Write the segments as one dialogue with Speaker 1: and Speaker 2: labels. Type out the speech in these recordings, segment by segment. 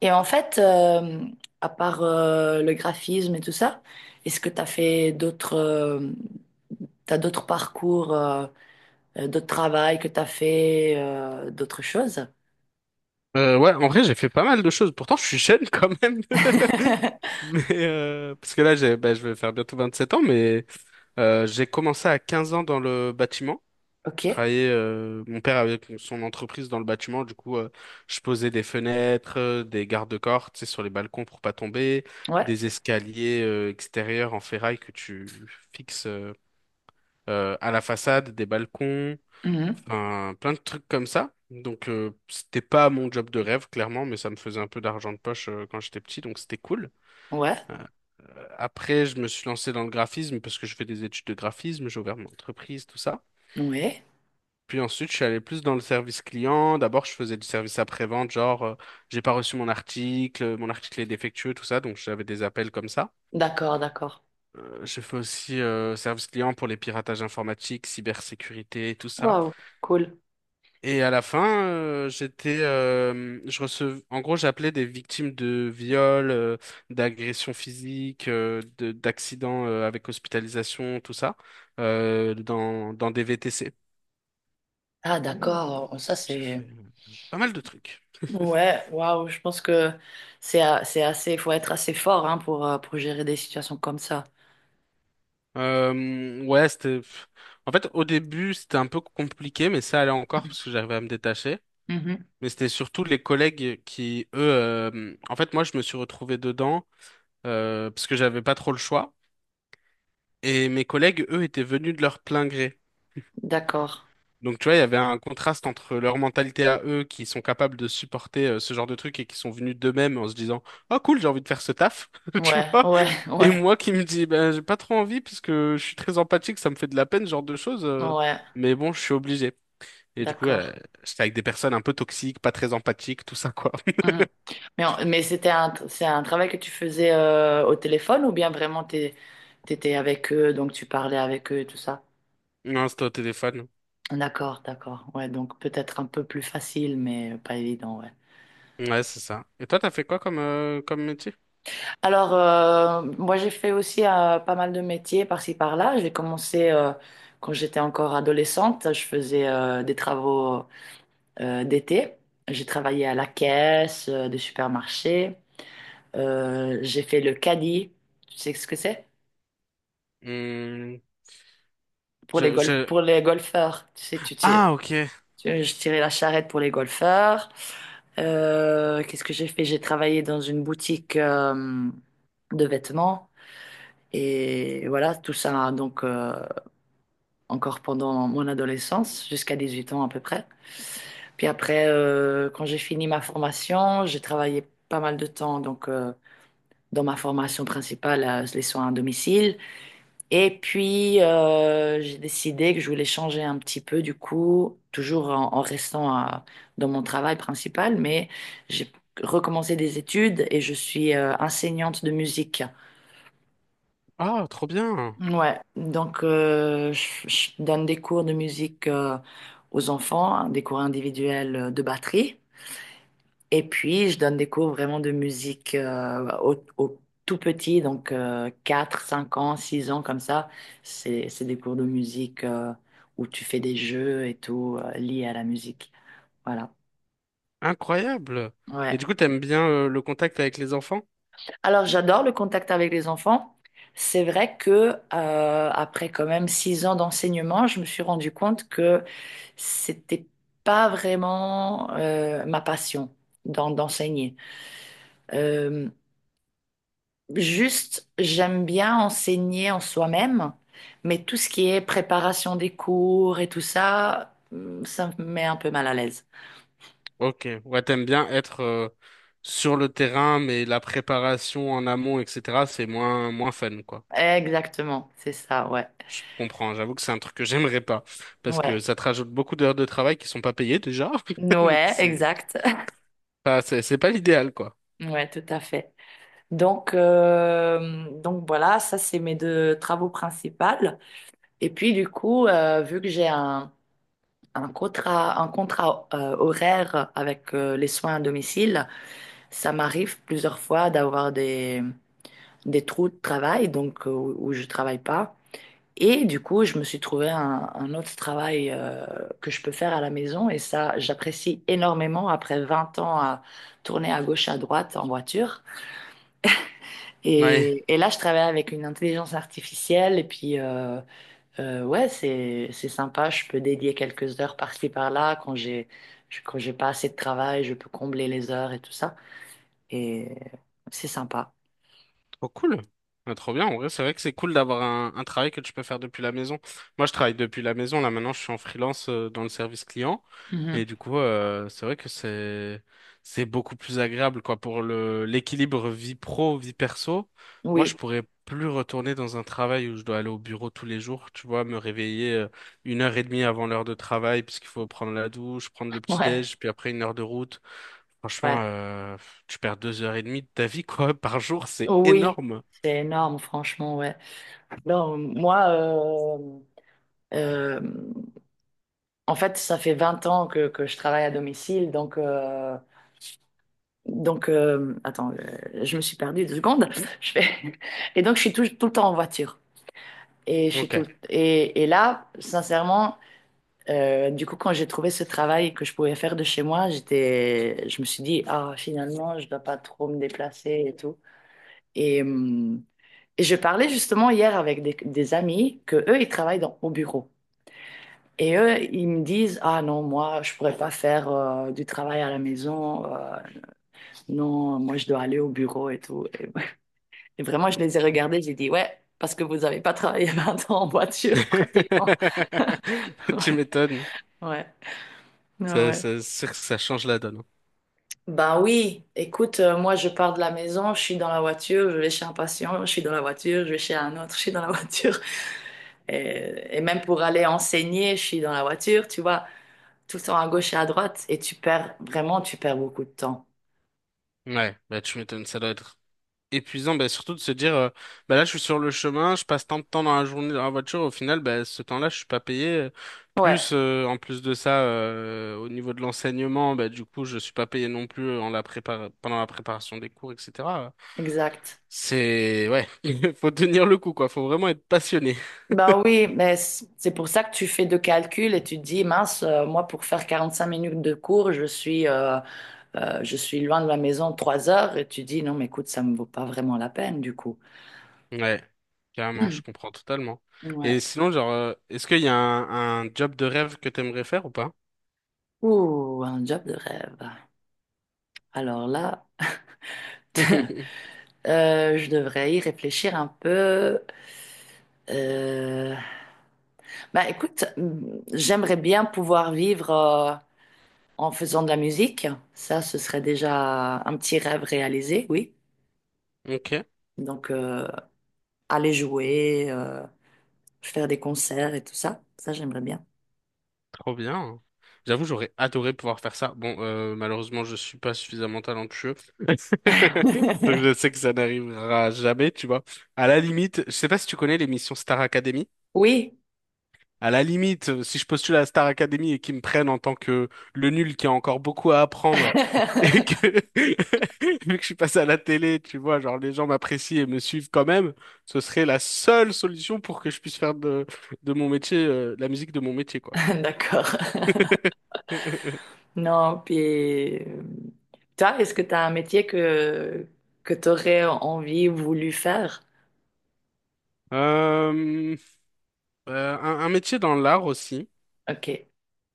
Speaker 1: Et en fait, à part le graphisme et tout ça, est-ce que tu as fait d'autres t'as d'autres parcours, d'autres travail que tu as fait, d'autres choses?
Speaker 2: Ouais, en vrai, j'ai fait pas mal de choses. Pourtant, je suis jeune quand même. Mais parce que là, bah, je vais faire bientôt 27 ans, mais j'ai commencé à 15 ans dans le bâtiment.
Speaker 1: Ok.
Speaker 2: Je travaillais, mon père avait son entreprise dans le bâtiment, du coup, je posais des fenêtres, des garde-corps, tu sais, sur les balcons pour pas tomber,
Speaker 1: Ouais.
Speaker 2: des escaliers extérieurs en ferraille que tu fixes à la façade, des balcons.
Speaker 1: Mhm.
Speaker 2: Enfin, plein de trucs comme ça. Donc, c'était pas mon job de rêve, clairement, mais ça me faisait un peu d'argent de poche quand j'étais petit, donc c'était cool.
Speaker 1: Ouais,
Speaker 2: Euh, Après, je me suis lancé dans le graphisme parce que je fais des études de graphisme, j'ai ouvert mon entreprise, tout ça.
Speaker 1: ouais.
Speaker 2: Puis ensuite, je suis allé plus dans le service client. D'abord, je faisais du service après-vente, genre, j'ai pas reçu mon article est défectueux, tout ça, donc j'avais des appels comme ça.
Speaker 1: D'accord, d'accord.
Speaker 2: J'ai fait aussi service client pour les piratages informatiques, cybersécurité, tout ça.
Speaker 1: Waouh, cool.
Speaker 2: Et à la fin, je recevais, en gros, j'appelais des victimes de viols, d'agressions physiques, d'accidents avec hospitalisation, tout ça, dans des VTC.
Speaker 1: Ah, d'accord. Oh, ça
Speaker 2: J'ai
Speaker 1: c'est.
Speaker 2: fait pas mal de trucs.
Speaker 1: Ouais, waouh, je pense que c'est assez, il faut être assez fort, hein, pour gérer des situations comme ça.
Speaker 2: Ouais, c'était. Pff. En fait, au début, c'était un peu compliqué, mais ça allait encore parce que j'arrivais à me détacher.
Speaker 1: Mhm.
Speaker 2: Mais c'était surtout les collègues qui, eux, en fait, moi, je me suis retrouvé dedans parce que j'avais pas trop le choix. Et mes collègues, eux, étaient venus de leur plein gré.
Speaker 1: D'accord.
Speaker 2: Donc, tu vois, il y avait un contraste entre leur mentalité à eux, qui sont capables de supporter ce genre de truc et qui sont venus d'eux-mêmes en se disant, « Oh cool, j'ai envie de faire ce taf », tu
Speaker 1: Ouais,
Speaker 2: vois.
Speaker 1: ouais,
Speaker 2: Et
Speaker 1: ouais,
Speaker 2: moi qui me dis, ben, j'ai pas trop envie parce que je suis très empathique, ça me fait de la peine, ce genre de choses,
Speaker 1: ouais.
Speaker 2: mais bon, je suis obligé. Et du coup,
Speaker 1: D'accord.
Speaker 2: j'étais avec des personnes un peu toxiques, pas très empathiques, tout ça, quoi.
Speaker 1: Mhm. Mais, mais c'est un travail que tu faisais, au téléphone ou bien vraiment t'étais avec eux, donc tu parlais avec eux et tout ça?
Speaker 2: Non, c'était au téléphone.
Speaker 1: D'accord, d'accord. Ouais, donc peut-être un peu plus facile, mais pas évident, ouais.
Speaker 2: Ouais, c'est ça. Et toi, t'as fait quoi comme métier?
Speaker 1: Alors, moi, j'ai fait aussi, pas mal de métiers par-ci, par-là. J'ai commencé, quand j'étais encore adolescente. Je faisais, des travaux, d'été. J'ai travaillé à la caisse, des supermarchés. J'ai fait le caddie. Tu sais ce que c'est?
Speaker 2: Hmm,
Speaker 1: Pour
Speaker 2: je, je...
Speaker 1: pour les golfeurs. Tu sais, tu tires.
Speaker 2: Ah, ok.
Speaker 1: Je tirais la charrette pour les golfeurs. Qu'est-ce que j'ai fait? J'ai travaillé dans une boutique, de vêtements. Et voilà, tout ça, donc, encore pendant mon adolescence, jusqu'à 18 ans à peu près. Puis après, quand j'ai fini ma formation, j'ai travaillé pas mal de temps, donc, dans ma formation principale, les soins à domicile. Et puis, j'ai décidé que je voulais changer un petit peu, du coup, toujours en restant, dans mon travail principal, mais j'ai recommencé des études et je suis, enseignante de musique.
Speaker 2: Ah, trop bien.
Speaker 1: Ouais, donc, je donne des cours de musique, aux enfants, hein, des cours individuels, de batterie. Et puis, je donne des cours vraiment de musique, au tout petit, donc, 4, 5 ans, 6 ans, comme ça. C'est des cours de musique, où tu fais des jeux et tout, liés à la musique. Voilà.
Speaker 2: Incroyable. Et
Speaker 1: Ouais.
Speaker 2: du coup, t'aimes bien le contact avec les enfants?
Speaker 1: Alors, j'adore le contact avec les enfants. C'est vrai que, après quand même 6 ans d'enseignement, je me suis rendu compte que c'était pas vraiment, ma passion d'enseigner. Euh, Juste, j'aime bien enseigner en soi-même, mais tout ce qui est préparation des cours et tout ça, ça me met un peu mal à l'aise.
Speaker 2: Ok. Ouais, t'aimes bien être sur le terrain, mais la préparation en amont, etc., c'est moins, moins fun, quoi.
Speaker 1: Exactement, c'est ça, ouais.
Speaker 2: Je comprends. J'avoue que c'est un truc que j'aimerais pas. Parce
Speaker 1: Ouais.
Speaker 2: que ça te rajoute beaucoup d'heures de travail qui sont pas payées déjà. Donc
Speaker 1: Ouais, exact.
Speaker 2: c'est pas l'idéal, quoi.
Speaker 1: Ouais, tout à fait. Donc, voilà, ça c'est mes deux travaux principaux. Et puis du coup, vu que un contrat, un contrat, horaire avec, les soins à domicile, ça m'arrive plusieurs fois d'avoir des trous de travail, donc, où je travaille pas. Et du coup, je me suis trouvé un autre travail, que je peux faire à la maison. Et ça, j'apprécie énormément après 20 ans à tourner à gauche, à droite, en voiture.
Speaker 2: Ouais.
Speaker 1: Et là, je travaille avec une intelligence artificielle. Et puis, ouais, c'est sympa. Je peux dédier quelques heures par-ci, par-là. Quand j'ai pas assez de travail, je peux combler les heures et tout ça. Et c'est sympa.
Speaker 2: Oh, cool. Ah, trop bien. En vrai, c'est vrai que c'est cool d'avoir un travail que tu peux faire depuis la maison. Moi, je travaille depuis la maison. Là, maintenant, je suis en freelance dans le service client.
Speaker 1: Mhm.
Speaker 2: Et du coup, c'est vrai que c'est beaucoup plus agréable, quoi, pour le l'équilibre vie pro, vie perso. Moi, je
Speaker 1: Oui,
Speaker 2: pourrais plus retourner dans un travail où je dois aller au bureau tous les jours, tu vois, me réveiller 1 heure et demie avant l'heure de travail, parce qu'il faut prendre la douche, prendre le
Speaker 1: ouais,
Speaker 2: petit-déj, puis après 1 heure de route.
Speaker 1: ouais.
Speaker 2: Franchement, tu perds 2 heures et demie de ta vie, quoi, par jour, c'est
Speaker 1: Oui,
Speaker 2: énorme.
Speaker 1: c'est énorme, franchement, ouais. Non, moi, euh, en fait, ça fait 20 ans que je travaille à domicile, donc, attends, je me suis perdue 2 secondes. Je fais... Et donc, je suis tout le temps en voiture. Et, je suis tout
Speaker 2: Ok.
Speaker 1: le- et là, sincèrement, du coup, quand j'ai trouvé ce travail que je pouvais faire de chez moi, je me suis dit, ah, finalement, je ne dois pas trop me déplacer et tout. Et, hum, Et je parlais justement hier avec des amis que eux, ils travaillent au bureau. Et eux, ils me disent, ah non, moi, je pourrais pas faire, du travail à la maison. Non, moi, je dois aller au bureau et tout. Et, et vraiment, je les ai regardés, j'ai dit, ouais, parce que vous avez pas travaillé 20 ans en voiture, pratiquement.
Speaker 2: Tu
Speaker 1: Ouais,
Speaker 2: m'étonnes.
Speaker 1: ouais, ouais, ouais.
Speaker 2: C'est sûr que ça change la donne.
Speaker 1: Ben oui, écoute, moi, je pars de la maison, je suis dans la voiture, je vais chez un patient, je suis dans la voiture, je vais chez un autre, je suis dans la voiture. Et même pour aller enseigner, je suis dans la voiture, tu vois, tout le temps à gauche et à droite, et tu perds, vraiment, tu perds beaucoup de temps.
Speaker 2: Ouais, bah tu m'étonnes, ça doit être épuisant, bah, surtout de se dire, bah là je suis sur le chemin, je passe tant de temps dans la journée dans la voiture, au final, bah, ce temps-là je suis pas payé.
Speaker 1: Ouais,
Speaker 2: Plus en plus de ça, au niveau de l'enseignement, bah, du coup je suis pas payé non plus pendant la préparation des cours, etc.
Speaker 1: exact.
Speaker 2: C'est ouais, faut tenir le coup quoi, faut vraiment être passionné.
Speaker 1: Ben oui, mais c'est pour ça que tu fais deux calculs et tu te dis, mince, moi, pour faire 45 minutes de cours, je suis loin de la maison 3 heures, et tu dis, non, mais écoute, ça me vaut pas vraiment la peine, du coup.
Speaker 2: Ouais, carrément, je comprends totalement. Et
Speaker 1: Ouais.
Speaker 2: sinon, genre, est-ce qu'il y a un job de rêve que t'aimerais faire ou pas?
Speaker 1: Ouh, un job de rêve. Alors là, je devrais y réfléchir un peu. Euh, Bah écoute, j'aimerais bien pouvoir vivre, en faisant de la musique. Ça, ce serait déjà un petit rêve réalisé, oui.
Speaker 2: Ok,
Speaker 1: Donc, aller jouer, faire des concerts et tout ça, ça, j'aimerais bien.
Speaker 2: trop bien. J'avoue, j'aurais adoré pouvoir faire ça. Bon, malheureusement, je suis pas suffisamment talentueux. Donc je sais que ça n'arrivera jamais, tu vois. À la limite, je sais pas si tu connais l'émission Star Academy.
Speaker 1: Oui.
Speaker 2: À la limite, si je postule à la Star Academy et qu'ils me prennent en tant que le nul qui a encore beaucoup à apprendre et que vu que je suis passé à la télé, tu vois, genre les gens m'apprécient et me suivent quand même, ce serait la seule solution pour que je puisse faire de mon métier, la musique de mon métier, quoi.
Speaker 1: D'accord. Non, puis, toi, est-ce que tu as un métier que tu aurais envie ou voulu faire?
Speaker 2: Euh, un métier dans l'art aussi.
Speaker 1: Ok.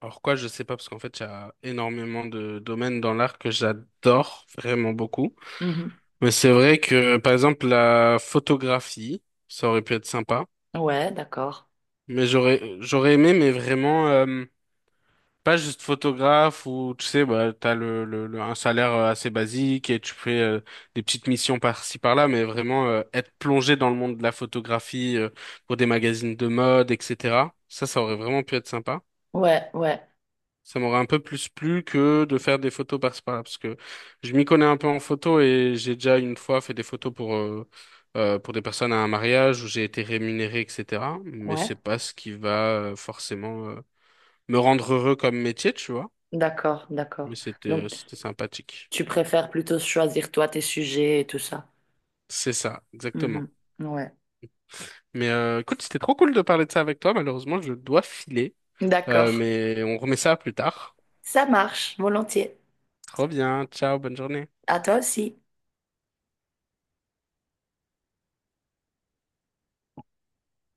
Speaker 2: Alors quoi, je sais pas parce qu'en fait, il y a énormément de domaines dans l'art que j'adore vraiment beaucoup.
Speaker 1: Mhm.
Speaker 2: Mais c'est vrai que, par exemple, la photographie, ça aurait pu être sympa.
Speaker 1: Ouais, d'accord.
Speaker 2: Mais j'aurais aimé, mais vraiment, pas juste photographe où, tu sais, bah, t'as un salaire assez basique et tu fais des petites missions par-ci, par-là, mais vraiment être plongé dans le monde de la photographie pour des magazines de mode, etc. Ça aurait vraiment pu être sympa.
Speaker 1: Ouais, ouais,
Speaker 2: Ça m'aurait un peu plus plu que de faire des photos par-ci par-là, parce que je m'y connais un peu en photo et j'ai déjà une fois fait des photos pour des personnes à un mariage où j'ai été rémunéré, etc. Mais
Speaker 1: ouais.
Speaker 2: c'est pas ce qui va forcément me rendre heureux comme métier, tu vois.
Speaker 1: D'accord, d'accord.
Speaker 2: Mais c'était euh,
Speaker 1: Donc,
Speaker 2: c'était sympathique.
Speaker 1: tu préfères plutôt choisir toi tes sujets et tout ça.
Speaker 2: C'est ça, exactement.
Speaker 1: Mhm. Ouais.
Speaker 2: Mais écoute, c'était trop cool de parler de ça avec toi. Malheureusement, je dois filer.
Speaker 1: D'accord.
Speaker 2: Mais on remet ça plus tard.
Speaker 1: Ça marche, volontiers.
Speaker 2: Trop bien. Ciao, bonne journée.
Speaker 1: À toi aussi.